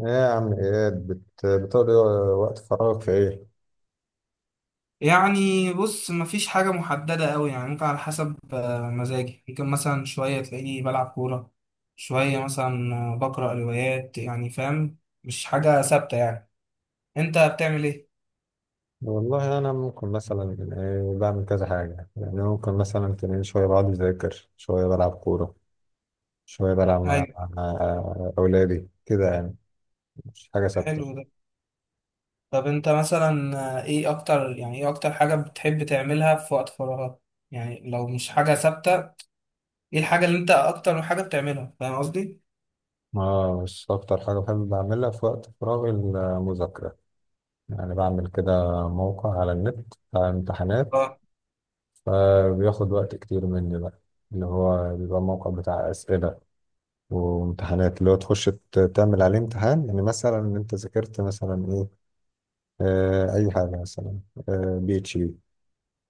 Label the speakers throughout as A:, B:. A: ايه يا عم اياد بتقضي وقت فراغك في ايه؟
B: يعني بص، مفيش حاجة محددة قوي يعني. ممكن على حسب مزاجي. ممكن مثلا شوية تلاقيني بلعب كورة، شوية مثلا بقرأ روايات، يعني فاهم. مش حاجة ثابتة يعني. انت بتعمل ايه؟
A: والله انا ممكن مثلا إيه، بعمل كذا حاجة، يعني ممكن مثلا تلاقيني شوية بقعد اذاكر، شوية بلعب كورة، شوية بلعب مع,
B: ايوه،
A: مع اولادي كده يعني. مش حاجة ثابتة.
B: حلو ده. طب انت مثلا ايه اكتر، يعني ايه اكتر حاجة بتحب تعملها في وقت فراغك؟ يعني لو مش حاجة ثابتة. ايه الحاجة اللي انت اكتر حاجة بتعملها؟ فاهم قصدي؟
A: اه، بس اكتر حاجة بحب بعملها في وقت فراغي المذاكرة. يعني بعمل كده موقع على النت بتاع امتحانات،
B: اه،
A: فبياخد وقت كتير مني بقى. اللي هو بيبقى موقع بتاع أسئلة وامتحانات، اللي هو تخش تعمل عليه امتحان، يعني مثلا انت ذاكرت مثلا ايه، اي حاجه مثلا، بي اتش بي،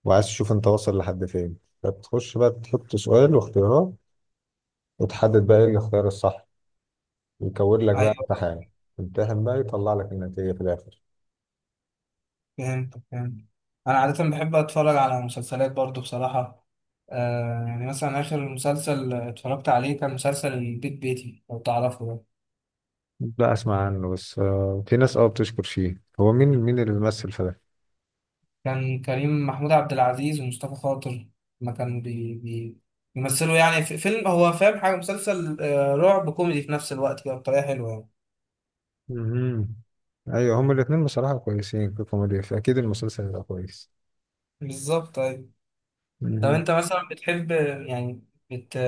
A: وعايز تشوف انت واصل لحد فين، فتخش بقى تحط سؤال واختيارات، وتحدد بقى ايه الاختيار الصح، يكون لك بقى
B: ايوه،
A: امتحان، امتحن بقى يطلع لك النتيجه في الاخر.
B: فهمت فهمت. انا عاده بحب اتفرج على مسلسلات برضو بصراحه. يعني مثلا اخر مسلسل اتفرجت عليه كان مسلسل البيت بيتي، لو تعرفه ده.
A: لا، اسمع عنه بس، في ناس اه بتشكر فيه. هو مين مين اللي بيمثل في ده؟
B: كان كريم محمود عبد العزيز ومصطفى خاطر، ما كانوا بي بي بيمثلوا يعني في فيلم. هو فاهم حاجه، مسلسل رعب كوميدي في نفس الوقت، كده بطريقه حلوه يعني.
A: مهم. ايوه، هما الاثنين بصراحه كويسين في الكوميديا، فاكيد المسلسل هيبقى كويس.
B: بالظبط، ايوه. طب انت مثلا بتحب، يعني بت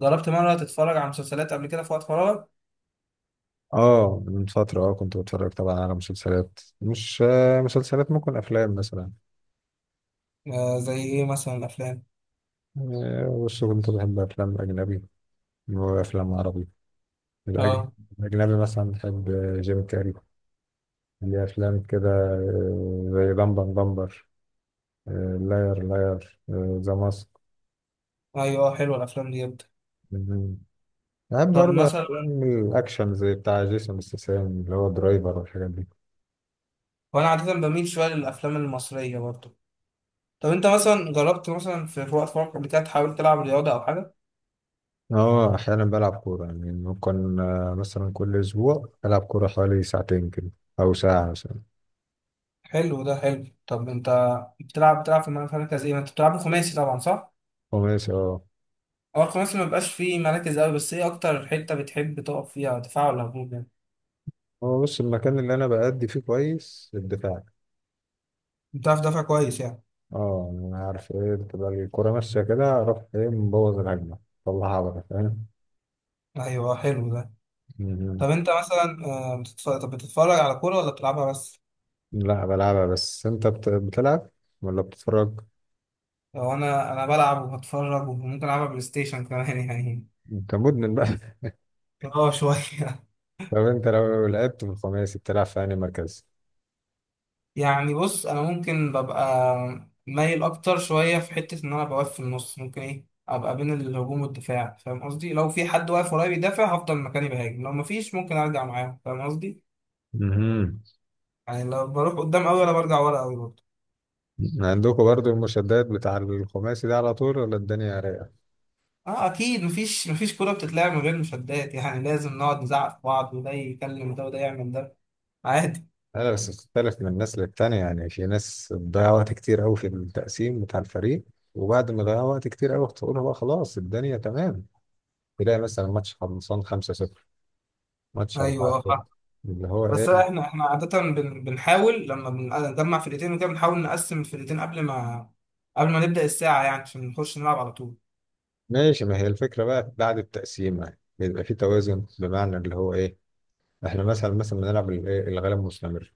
B: جربت مره تتفرج على مسلسلات قبل كده في وقت فراغك؟
A: اه، من فترة اه كنت بتفرج طبعا على مسلسلات، مش مسلسلات، ممكن أفلام مثلا،
B: زي ايه مثلا الافلام؟
A: بس كنت بحب أفلام أجنبي وأفلام عربي. الأج-
B: اه،
A: الأجنبي مثلا بحب جيم كاري، ليه أفلام كده زي بامبر بامبر، لاير لاير، ذا ماسك.
B: ايوه، حلوه الافلام دي جدا.
A: بحب
B: طب
A: برضه
B: مثلا،
A: أفلام الأكشن زي بتاع جيسون ستاثام اللي هو درايفر والحاجات دي.
B: وانا عاده بميل شويه للافلام المصريه برضو. طب انت مثلا جربت مثلا في وقت فراغك قبل كده تحاول تلعب رياضه او حاجه؟
A: اه، احيانا بلعب كوره يعني، ممكن مثلا كل اسبوع العب كوره حوالي ساعتين كده، او ساعه مثلا.
B: حلو ده حلو. طب انت بتلعب في مركز ايه؟ ما انت بتلعب خماسي طبعا، صح؟
A: وماشي اه.
B: هو الخماسي ما بيبقاش فيه مراكز قوي، بس ايه اكتر حته بتحب تقف فيها؟ دفاع ولا هجوم يعني؟
A: هو بص، المكان اللي انا بأدي فيه كويس الدفاع.
B: بتعرف تدافع كويس يعني.
A: اه يعني، انا عارف ايه، بتبقى الكوره ماشيه كده اروح ايه مبوظ الهجمه، طلعها بره فاهم.
B: ايوه، حلو ده.
A: مهم.
B: طب انت مثلا طب بتتفرج على كوره ولا بتلعبها بس؟
A: لا بلعبها بس، انت بتلعب ولا بتتفرج؟
B: لو انا بلعب وبتفرج، وممكن العبها بلاي ستيشن كمان يعني.
A: انت مدمن بقى
B: اه، شويه
A: طب انت لو لعبت في الخماسي بتلعب في انهي مركز؟
B: يعني بص، انا ممكن ببقى مايل اكتر شويه في حته ان انا بوقف في النص، ممكن ايه ابقى بين الهجوم والدفاع، فاهم قصدي؟ لو في حد واقف ورايا بيدافع هفضل مكاني بهاجم، لو مفيش ممكن ارجع معاه، فاهم قصدي؟
A: مهم.
B: يعني لو بروح قدام قوي ولا برجع ورا قوي برضه.
A: عندكم برضو المشدات بتاع الخماسي ده على طول ولا الدنيا رايقة؟
B: اه اكيد، مفيش كوره بتتلعب من غير مشادات يعني. لازم نقعد نزعق في بعض، وده يكلم ده وده يعمل ده. عادي.
A: لا، بس بتختلف من الناس للتانية. يعني في ناس بتضيع وقت كتير قوي في التقسيم بتاع الفريق، وبعد ما ضيع وقت كتير قوي تقولها بقى خلاص الدنيا تمام، تلاقي مثلا ماتش خلصان 5-0، ماتش
B: ايوه.
A: 4-0، اللي هو
B: بس
A: ايه.
B: احنا عادة بنحاول لما بنجمع فرقتين وكده، بنحاول نقسم الفرقتين قبل ما نبدأ الساعة يعني، عشان نخش نلعب على طول.
A: ماشي، ما هي الفكرة بقى بعد التقسيم، يعني بيبقى في توازن، بمعنى اللي هو ايه، احنا مثلا بنلعب إيه؟ الغلب مستمر،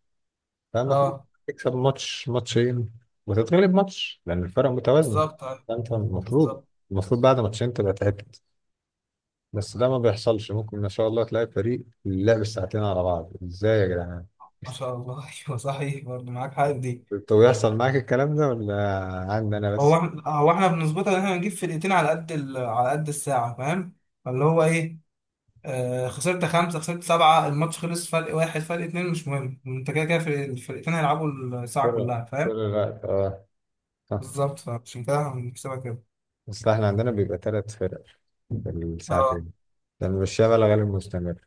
A: فما في-
B: اه،
A: تكسب ماتش ماتشين وتتغلب ماتش، لأن الفرق متوازنة،
B: بالظبط أيوة،
A: فأنت المفروض،
B: بالظبط.
A: المفروض بعد ماتشين تبقى تعبت، بس ده ما بيحصلش. ممكن ما شاء الله تلاقي فريق لعب ساعتين على بعض، ازاي يا جدعان؟
B: ما شاء الله ايوه صحيح، برضه معاك حاجة في دي.
A: طب بيحصل معاك الكلام ده، ولا عندي انا
B: هو
A: بس؟
B: احنا هو احنا بنظبطها ان احنا نجيب فرقتين على قد الساعة، فاهم. فاللي هو ايه، خسرت خمسة، خسرت سبعة، الماتش خلص. فرق واحد، فرق اتنين، مش مهم. انت كده كده الفرقتين هيلعبوا الساعة
A: كل
B: كلها،
A: كل
B: فاهم.
A: الوقت اه. صح.
B: بالظبط، فعشان كده احنا بنكسبها كده.
A: بس احنا عندنا بيبقى ثلاث فرق في
B: اه،
A: الساعتين، لأن الشغل غالبا مستمر،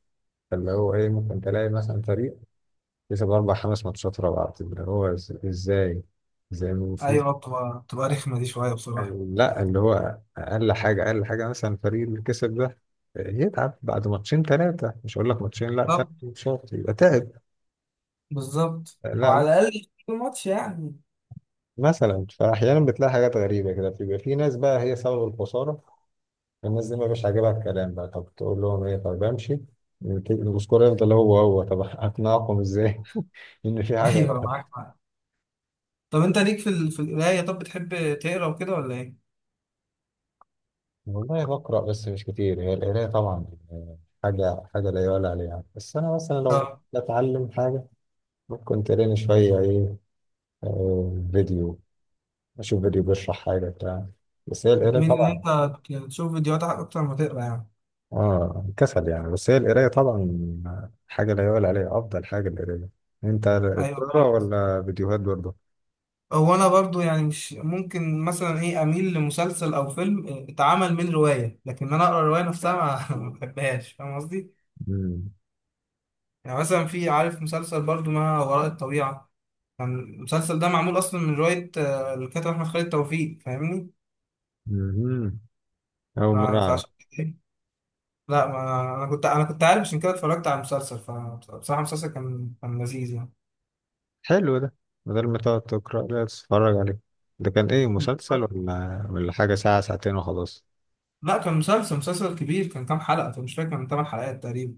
A: فاللي هو إيه، ممكن تلاقي مثلا فريق كسب أربع خمس ماتشات ورا بعض، اللي هو إزاي؟ زي المفروض،
B: ايوه. بتبقى رخمه دي شويه بصراحه.
A: لا، اللي هو اقل حاجه، اقل حاجه مثلا الفريق اللي كسب ده يتعب بعد ماتشين ثلاثه، مش هقول لك ماتشين، لا، ثلاث
B: طب
A: ماتشات يبقى تعب.
B: بالظبط، او
A: لا،
B: على الاقل في ماتش يعني.
A: مثلا فاحيانا بتلاقي حاجات غريبه كده، بيبقى في ناس بقى هي سبب الخساره، الناس دي ما بيبقاش عاجبها الكلام بقى، طب تقول لهم ايه؟ طب امشي، السكور يفضل هو هو، طب اقنعكم ازاي ان في حاجه
B: ايوه
A: غلط؟
B: معاك معاك. طب انت ليك في في القرايه، طب بتحب تقرا وكده ولا ايه؟
A: والله بقرا بس مش كتير. هي القرايه طبعا حاجه، حاجه لا يعلى عليها، بس انا مثلا لو
B: اه.
A: بتعلم حاجه كنت قاري شوية إيه، فيديو، أشوف فيديو بيشرح حاجة بتاع. بس هي القراية
B: بتميل ان
A: طبعا،
B: انت تشوف فيديوهات اكتر ما تقرا يعني؟
A: كسل يعني، بس هي القراية طبعا حاجة لا يعلى عليها، أفضل حاجة القراية. أنت
B: ايوه
A: بتقرا
B: فاهم قصدك.
A: ولا فيديوهات برضه؟
B: هو انا برضو يعني، مش ممكن مثلا ايه اميل لمسلسل او فيلم اتعمل من روايه، لكن انا اقرا الروايه نفسها ما ما بحبهاش، فاهم قصدي؟
A: مم.
B: يعني مثلا، في عارف مسلسل برضو ما وراء الطبيعه. كان المسلسل ده معمول اصلا من روايه الكاتب احمد خالد توفيق، فاهمني.
A: مهم. أول مرة أعرف.
B: فعشان كده. لا ما، انا كنت عارف عشان كده اتفرجت على المسلسل، فبصراحه المسلسل كان لذيذ يعني.
A: حلو ده، بدل ما تقعد تقرا لا تتفرج عليه. ده كان إيه، مسلسل ولا حاجة ساعة ساعتين وخلاص؟
B: لا كان مسلسل كبير. كان كام حلقه؟ طب مش فاكر، كان 8 حلقات تقريبا.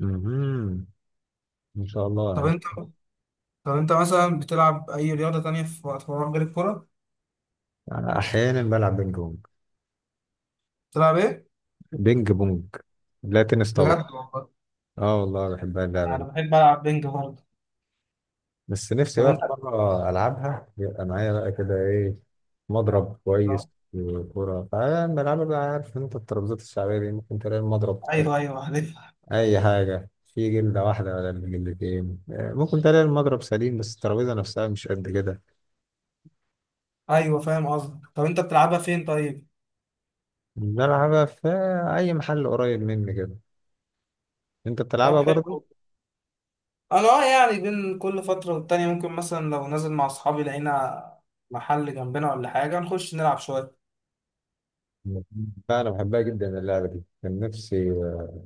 A: مهم. إن شاء الله
B: طب
A: عليك.
B: انت طب انت مثلا بتلعب اي رياضه تانية في وقت فراغ غير الكوره؟
A: أنا أحيانا بلعب بينج بونج.
B: بتلعب ايه؟
A: بينج بونج، لا، تنس
B: بجد
A: طاولة.
B: والله؟
A: اه والله بحبها اللعبة
B: انا
A: دي.
B: بحب العب بينج برضه.
A: بس نفسي
B: طب
A: بقى في
B: انت.
A: مرة ألعبها يبقى معايا بقى كده إيه، مضرب كويس وكورة، فأنا بلعبها بقى، عارف أنت الترابيزات الشعبية دي، ممكن تلاقي المضرب في أي،
B: ايوه ايوه، عارف.
A: أي حاجة في جلدة واحدة ولا جلدتين، ممكن تلاقي المضرب سليم بس الترابيزة نفسها مش قد كده.
B: ايوه فاهم قصدك. طب انت بتلعبها فين طيب؟
A: بلعبها في أي محل قريب مني كده. أنت
B: طب
A: بتلعبها برضه؟
B: حلو. انا اه، يعني بين كل فترة والتانية ممكن مثلا لو نازل مع اصحابي لقينا محل جنبنا ولا حاجة، نخش نلعب شوية.
A: لا، أنا بحبها جدا اللعبة دي، كان نفسي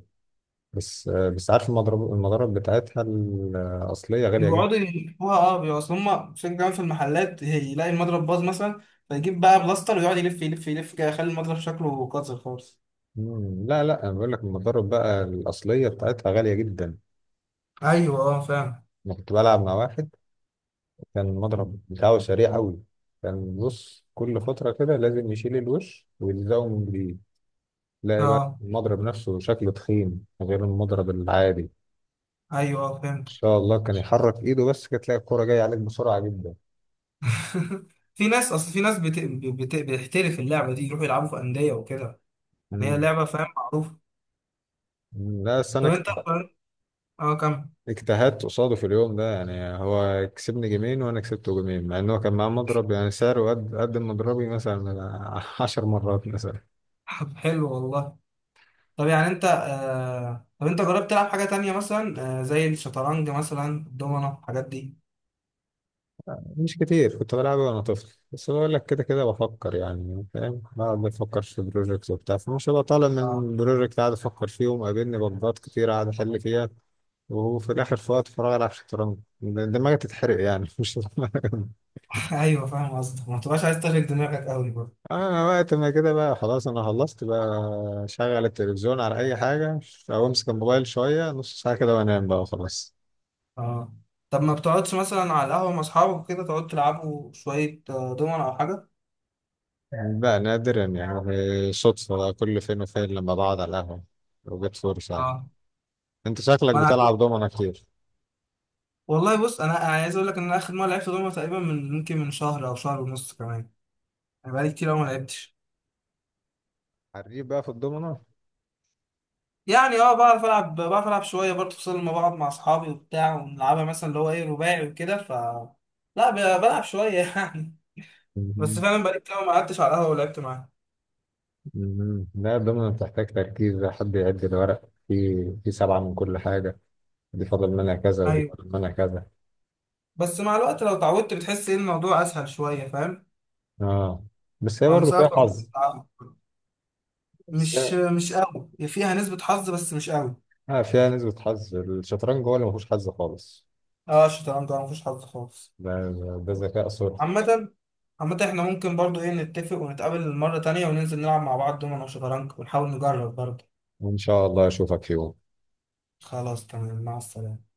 A: بس عارف المضرب، المضارب بتاعتها الأصلية غالية.
B: بيقعدوا يلفوها اه. بيبقوا اصل هما فين كمان، في المحلات يلاقي المضرب باظ مثلا، فيجيب بقى بلاستر ويقعد يلف يلف يلف كده، يخلي المضرب شكله قاتل خالص.
A: مم. لا لا، انا بقول لك المضارب بقى الاصليه بتاعتها غاليه جدا.
B: ايوه اه فاهم.
A: انا كنت بلعب مع واحد كان المضرب بتاعه سريع قوي، كان بص كل فتره كده لازم يشيل الوش ويلزقه من جديد، تلاقي بقى
B: اه
A: المضرب نفسه شكله تخين غير المضرب العادي. ان
B: ايوه اه فهمت.
A: شاء الله كان يحرك ايده بس كانت تلاقي الكوره جايه عليك بسرعه جدا.
B: في ناس، اصل في ناس بتحترف اللعبة دي، يروحوا يلعبوا في أندية وكده. يعني هي
A: مم.
B: لعبة فاهم معروفة.
A: مم. لا بس انا
B: طب انت. اه كمل.
A: اجتهدت قصاده في اليوم ده يعني، هو كسبني جيمين وانا كسبته جيمين، مع ان هو كان معاه مضرب يعني سعره قد قد مضربي مثلا 10 مرات مثلا.
B: حلو والله. طب يعني انت طب انت جربت تلعب حاجة تانية مثلا زي الشطرنج مثلا، الدومنة، الحاجات دي؟
A: مش كتير، كنت بلعبه وانا طفل، بس بقول لك كده كده بفكر يعني فاهم، بقعد بفكر في بروجكت وبتاع، فمش هبقى طالع
B: اه
A: من بروجكت قاعد افكر فيه ومقابلني بجبات كتير قاعد احل فيها، وفي الاخر في وقت فراغ العب شطرنج، دماغي تتحرق يعني مش.
B: ايوه فاهم قصدك، ما تبقاش عايز تشغل دماغك قوي برضه.
A: اه، وقت ما كده بقى خلاص انا خلصت بقى، شغل التلفزيون على اي حاجه، او امسك الموبايل شويه نص ساعه كده وانام بقى وخلاص.
B: اه. طب ما بتقعدش مثلا على القهوة مع اصحابك كده، تقعد تلعبوا شوية دومنة او حاجة؟
A: يعني بقى نادرا، يعني صدفه بقى كل فين وفين لما بقعد على القهوه وجت فرصه يعني.
B: اه.
A: انت شكلك
B: وانا
A: بتلعب
B: عارف-
A: دومنة كتير،
B: والله بص، انا عايز اقول لك ان انا اخر مرة لعبت دومنة تقريبا يمكن من شهر او شهر ونص كمان. انا بقالي كتير قوي ما لعبتش.
A: حريف بقى في الضمنة.
B: يعني اه، بعرف العب شويه برضه، خصوصا لما بقعد مع اصحابي وبتاع ونلعبها مثلا اللي هو ايه رباعي وكده ف. لا بلعب شويه يعني. بس
A: مهم.
B: فعلا بقالي كتير أوي ما قعدتش على القهوه ولعبت معاها.
A: مهم. لا، الدومنة بتحتاج تركيز، ده حد يعد الورق، في سبعة من كل حاجة، دي فاضل منها كذا ودي
B: ايوه.
A: فاضل منها كذا.
B: بس مع الوقت لو اتعودت بتحس ان الموضوع اسهل شويه فاهم.
A: اه، بس هي
B: على
A: برضه فيها
B: المسافه أو
A: حظ.
B: بتلعبها.
A: بس هي-
B: مش قوي فيها نسبه حظ، بس مش قوي.
A: اه، فيها نسبة حظ. الشطرنج هو اللي مفهوش حظ خالص،
B: اه الشطرنج ما فيش حظ خالص.
A: ده ده ذكاء صرف.
B: عامه. عامة احنا ممكن برضو ايه، نتفق ونتقابل مرة تانية وننزل نلعب مع بعض دومنا وشطرنج، ونحاول نجرب برضو.
A: وإن شاء الله أشوفك في يوم.
B: خلاص تمام، مع السلامة.